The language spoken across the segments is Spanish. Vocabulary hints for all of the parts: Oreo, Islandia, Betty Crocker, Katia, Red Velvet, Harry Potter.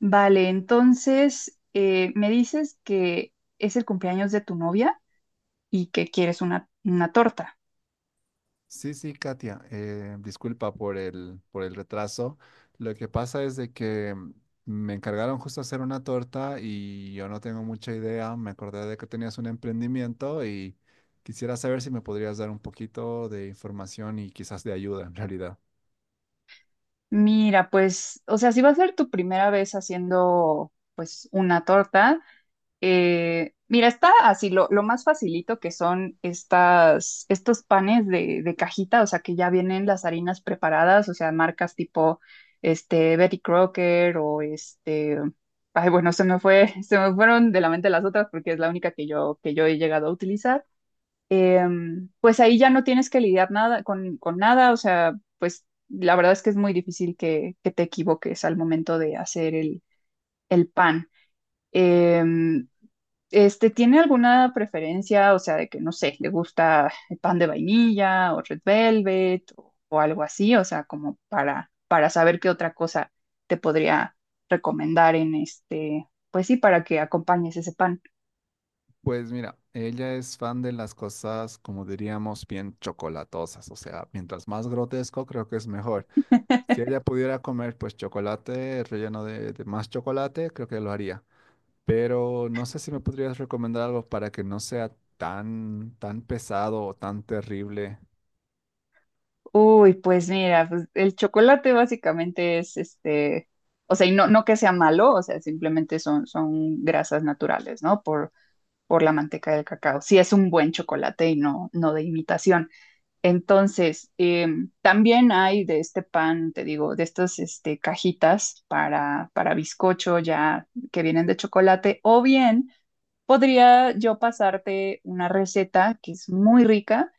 Vale, entonces me dices que es el cumpleaños de tu novia y que quieres una torta. Sí, sí, Katia, disculpa por por el retraso. Lo que pasa es de que me encargaron justo hacer una torta y yo no tengo mucha idea. Me acordé de que tenías un emprendimiento y quisiera saber si me podrías dar un poquito de información y quizás de ayuda en realidad. Mira, pues, o sea, si va a ser tu primera vez haciendo pues una torta, mira, está así, lo más facilito que son estos panes de cajita, o sea, que ya vienen las harinas preparadas, o sea, marcas tipo Betty Crocker o bueno, se me fue, se me fueron de la mente las otras porque es la única que yo he llegado a utilizar. Pues ahí ya no tienes que lidiar nada con nada, o sea, pues la verdad es que es muy difícil que te equivoques al momento de hacer el pan. Em, ¿Tiene alguna preferencia? O sea, de que, no sé, le gusta el pan de vainilla o Red Velvet o algo así, o sea, como para saber qué otra cosa te podría recomendar en este, pues sí, para que acompañes ese pan. Pues mira, ella es fan de las cosas, como diríamos, bien chocolatosas. O sea, mientras más grotesco, creo que es mejor. Si ella pudiera comer, pues chocolate relleno de más chocolate, creo que lo haría. Pero no sé si me podrías recomendar algo para que no sea tan pesado o tan terrible. Uy, pues mira, pues el chocolate básicamente es este, o sea, y no que sea malo, o sea, simplemente son grasas naturales, ¿no? Por la manteca del cacao. Sí es un buen chocolate y no de imitación. Entonces, también hay de este pan, te digo, de estas este, cajitas para bizcocho ya que vienen de chocolate, o bien podría yo pasarte una receta que es muy rica,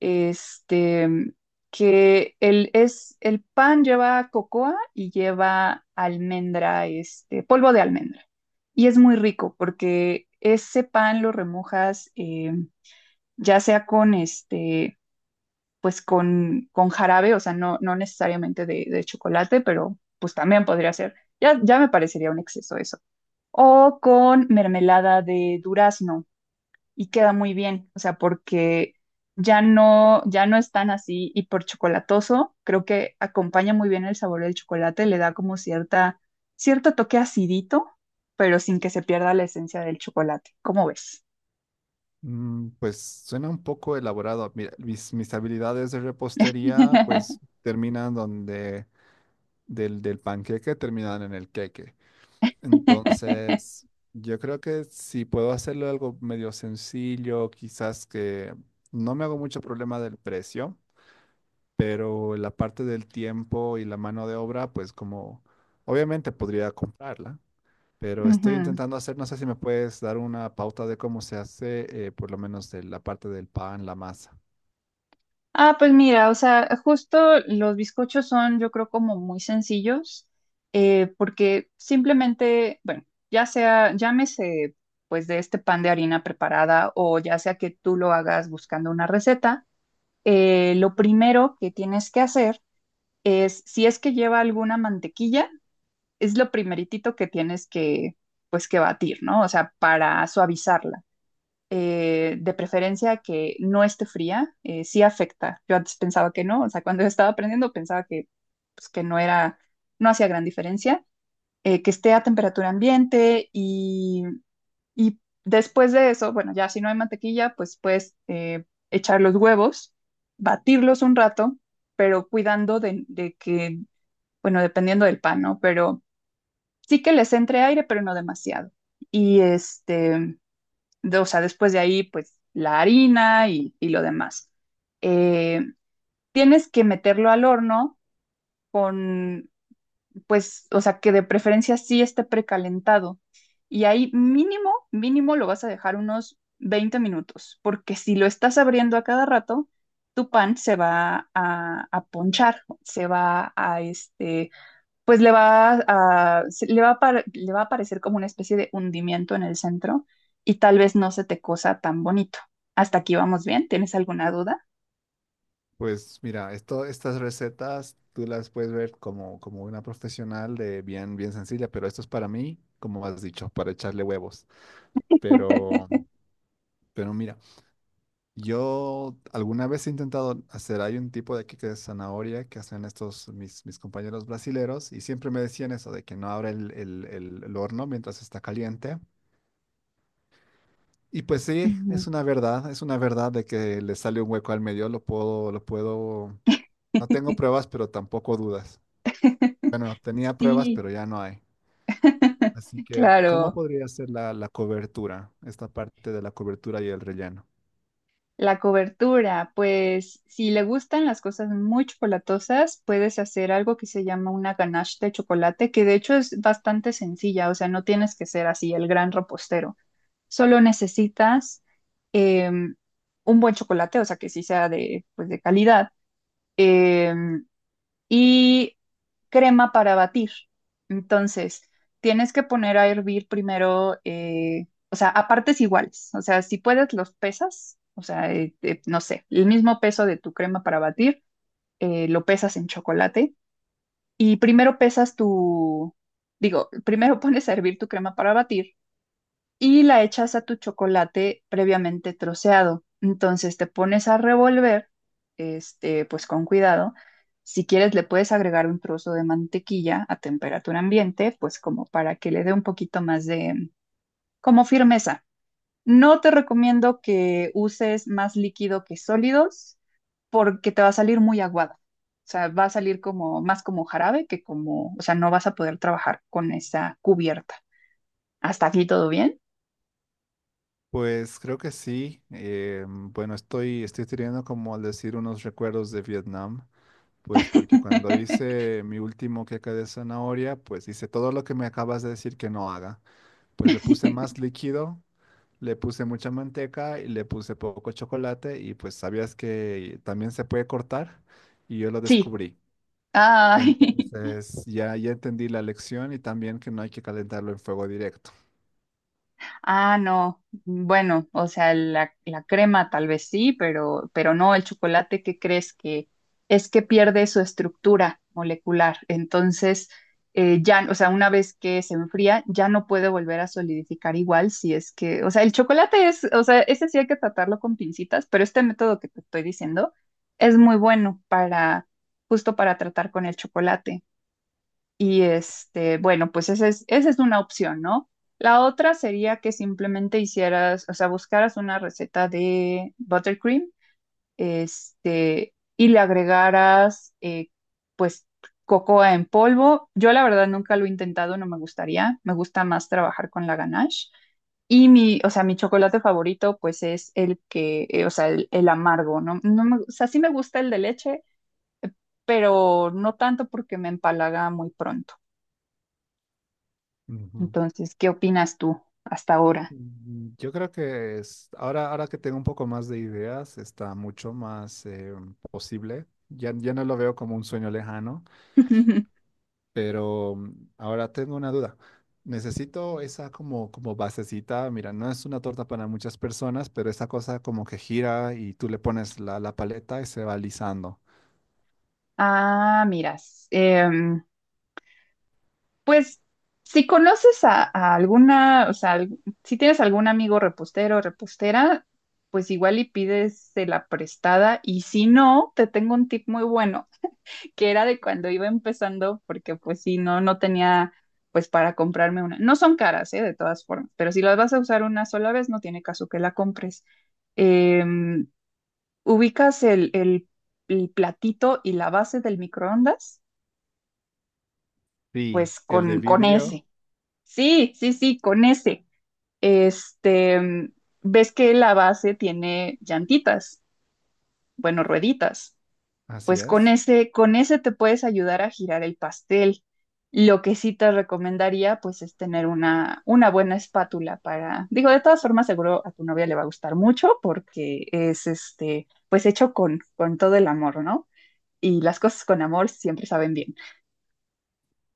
este, el pan lleva cocoa y lleva almendra, este, polvo de almendra. Y es muy rico porque ese pan lo remojas ya sea con este pues con jarabe, o sea, no necesariamente de chocolate, pero pues también podría ser. Ya me parecería un exceso eso. O con mermelada de durazno y queda muy bien, o sea, porque ya no, ya no es tan así y por chocolatoso, creo que acompaña muy bien el sabor del chocolate, le da como cierto toque acidito, pero sin que se pierda la esencia del chocolate. ¿Cómo ves? Mm, pues suena un poco elaborado. Mira, mis habilidades de repostería pues terminan donde del panqueque terminan en el queque. Entonces, yo creo que si puedo hacerlo algo medio sencillo, quizás que no me hago mucho problema del precio. Pero la parte del tiempo y la mano de obra, pues como obviamente podría comprarla, pero estoy Ujú. intentando hacer, no sé si me puedes dar una pauta de cómo se hace, por lo menos de la parte del pan, la masa. Ah, pues mira, o sea, justo los bizcochos son, yo creo, como muy sencillos, porque simplemente, bueno, ya sea, llámese, pues de este pan de harina preparada o ya sea que tú lo hagas buscando una receta, lo primero que tienes que hacer es, si es que lleva alguna mantequilla, es lo primeritito que tienes que, pues que batir, ¿no? O sea, para suavizarla de preferencia que no esté fría, sí afecta. Yo antes pensaba que no, o sea, cuando yo estaba aprendiendo pensaba que, pues, que no era, no hacía gran diferencia, que esté a temperatura ambiente y después de eso, bueno, ya si no hay mantequilla, pues puedes echar los huevos, batirlos un rato, pero cuidando de que, bueno, dependiendo del pan, ¿no? Pero sí que les entre aire, pero no demasiado. Y este, o sea, después de ahí, pues la harina y lo demás. Eh, tienes que meterlo al horno con, pues, o sea, que de preferencia sí esté precalentado. Y ahí mínimo lo vas a dejar unos 20 minutos, porque si lo estás abriendo a cada rato, tu pan se va a ponchar, se va a, este, pues le va a, le va a, le va a parecer como una especie de hundimiento en el centro y tal vez no se te cosa tan bonito. Hasta aquí vamos bien. ¿Tienes alguna duda? Pues mira, estas recetas tú las puedes ver como, como una profesional de bien sencilla, pero esto es para mí, como has dicho, para echarle huevos. Pero, pero mira. Yo alguna vez he intentado hacer, hay un tipo de queque de zanahoria que hacen estos mis compañeros brasileros y siempre me decían eso de que no abra el horno mientras está caliente. Y pues sí, Ujú. Es una verdad de que le sale un hueco al medio, lo puedo, no tengo pruebas, pero tampoco dudas. Bueno, tenía pruebas, Sí, pero ya no hay. Así que, ¿cómo claro. podría ser la cobertura, esta parte de la cobertura y el relleno? La cobertura, pues si le gustan las cosas muy chocolatosas, puedes hacer algo que se llama una ganache de chocolate, que de hecho es bastante sencilla, o sea, no tienes que ser así el gran repostero. Solo necesitas em, un buen chocolate, o sea, que sí sea de, pues, de calidad, em, y crema para batir. Entonces, tienes que poner a hervir primero, o sea, a partes iguales. O sea, si puedes, los pesas, o sea, no sé, el mismo peso de tu crema para batir, lo pesas en chocolate. Y primero pesas tu, digo, primero pones a hervir tu crema para batir y la echas a tu chocolate previamente troceado. Entonces te pones a revolver, este, pues con cuidado. Si quieres, le puedes agregar un trozo de mantequilla a temperatura ambiente, pues como para que le dé un poquito más de, como firmeza. No te recomiendo que uses más líquido que sólidos porque te va a salir muy aguada. O sea, va a salir como más como jarabe que como, o sea, no vas a poder trabajar con esa cubierta. Hasta aquí todo bien. Pues creo que sí. Estoy teniendo como al decir unos recuerdos de Vietnam, pues porque cuando hice mi último queque de zanahoria, pues hice todo lo que me acabas de decir que no haga. Pues le puse más líquido, le puse mucha manteca y le puse poco chocolate y pues sabías que también se puede cortar y yo lo Sí. descubrí. Ay. Entonces ya entendí la lección y también que no hay que calentarlo en fuego directo. Ah, no. Bueno, o sea, la crema tal vez sí, pero no, el chocolate, ¿qué crees que es que pierde su estructura molecular? Entonces, ya, o sea, una vez que se enfría, ya no puede volver a solidificar igual si es que, o sea, el chocolate es, o sea, ese sí hay que tratarlo con pincitas, pero este método que te estoy diciendo es muy bueno para, justo para tratar con el chocolate. Y este, bueno, pues esa es una opción, ¿no? La otra sería que simplemente hicieras, o sea, buscaras una receta de buttercream, este, y le agregaras, pues, cocoa en polvo. Yo la verdad nunca lo he intentado, no me gustaría. Me gusta más trabajar con la ganache. Y mi, o sea, mi chocolate favorito, pues es el que, o sea, el amargo, ¿no? O sea, sí me gusta el de leche, pero no tanto porque me empalaga muy pronto. Entonces, ¿qué opinas tú hasta ahora? Mm, yo creo que es, ahora que tengo un poco más de ideas, está mucho más posible. Ya no lo veo como un sueño lejano, pero ahora tengo una duda. Necesito esa como basecita. Mira, no es una torta para muchas personas, pero esa cosa como que gira y tú le pones la paleta y se va alisando. Ah, miras, em, pues si conoces a alguna, o sea, si tienes algún amigo repostero o repostera, pues igual y pides la prestada y si no, te tengo un tip muy bueno, que era de cuando iba empezando, porque pues si no, no tenía pues para comprarme una. No son caras, ¿eh? De todas formas, pero si las vas a usar una sola vez, no tiene caso que la compres. Em, ubicas el platito y la base del microondas, Sí, pues el de con vidrio, ese. Sí, sí, sí, con ese. Este, mm, ves que la base tiene llantitas, bueno, rueditas. así Pues es. Con ese te puedes ayudar a girar el pastel. Lo que sí te recomendaría, pues, es tener una buena espátula para, digo, de todas formas, seguro a tu novia le va a gustar mucho porque es este, pues hecho con todo el amor, ¿no? Y las cosas con amor siempre saben bien,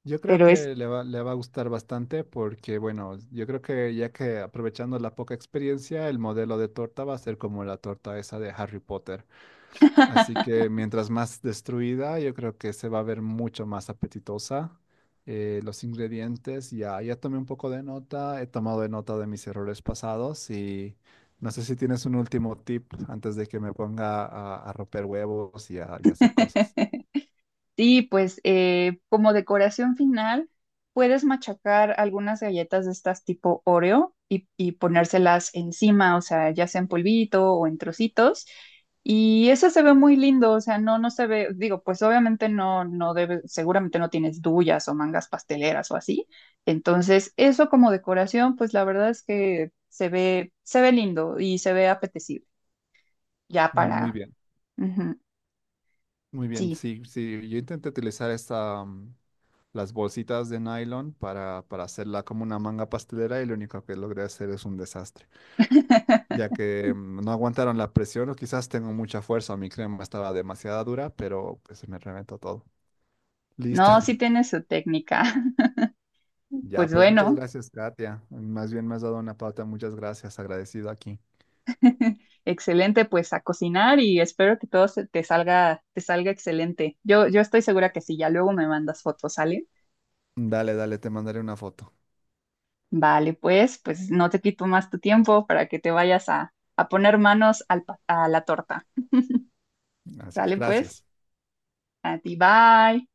Yo creo pero es... que le va a gustar bastante porque, bueno, yo creo que ya que aprovechando la poca experiencia, el modelo de torta va a ser como la torta esa de Harry Potter. Así que mientras más destruida, yo creo que se va a ver mucho más apetitosa. Los ingredientes, ya tomé un poco de nota, he tomado de nota de mis errores pasados y no sé si tienes un último tip antes de que me ponga a romper huevos y a hacer cosas. sí, pues como decoración final, puedes machacar algunas galletas de estas tipo Oreo y ponérselas encima, o sea, ya sea en polvito o en trocitos. Y eso se ve muy lindo, o sea, no se ve, digo, pues obviamente no debe, seguramente no tienes duyas o mangas pasteleras o así. Entonces, eso como decoración, pues la verdad es que se ve lindo y se ve apetecible. Ya Muy para... bien. ujú, Muy bien, sí, sí, sí, yo intenté utilizar esta, las bolsitas de nylon para hacerla como una manga pastelera y lo único que logré hacer es un desastre, ya que no aguantaron la presión o quizás tengo mucha fuerza, mi crema estaba demasiada dura, pero pues se me reventó todo. Listo. no, sí tiene su técnica. Ya, Pues pues muchas bueno, gracias, Katia. Más bien me has dado una pauta, muchas gracias, agradecido aquí. excelente, pues a cocinar y espero que todo te salga excelente. Yo estoy segura que sí, ya luego me mandas fotos, ¿sale? Dale, dale, te mandaré una foto. Vale, pues, pues no te quito más tu tiempo para que te vayas a poner manos al a la torta. Así es, Sale pues, gracias. a ti, bye.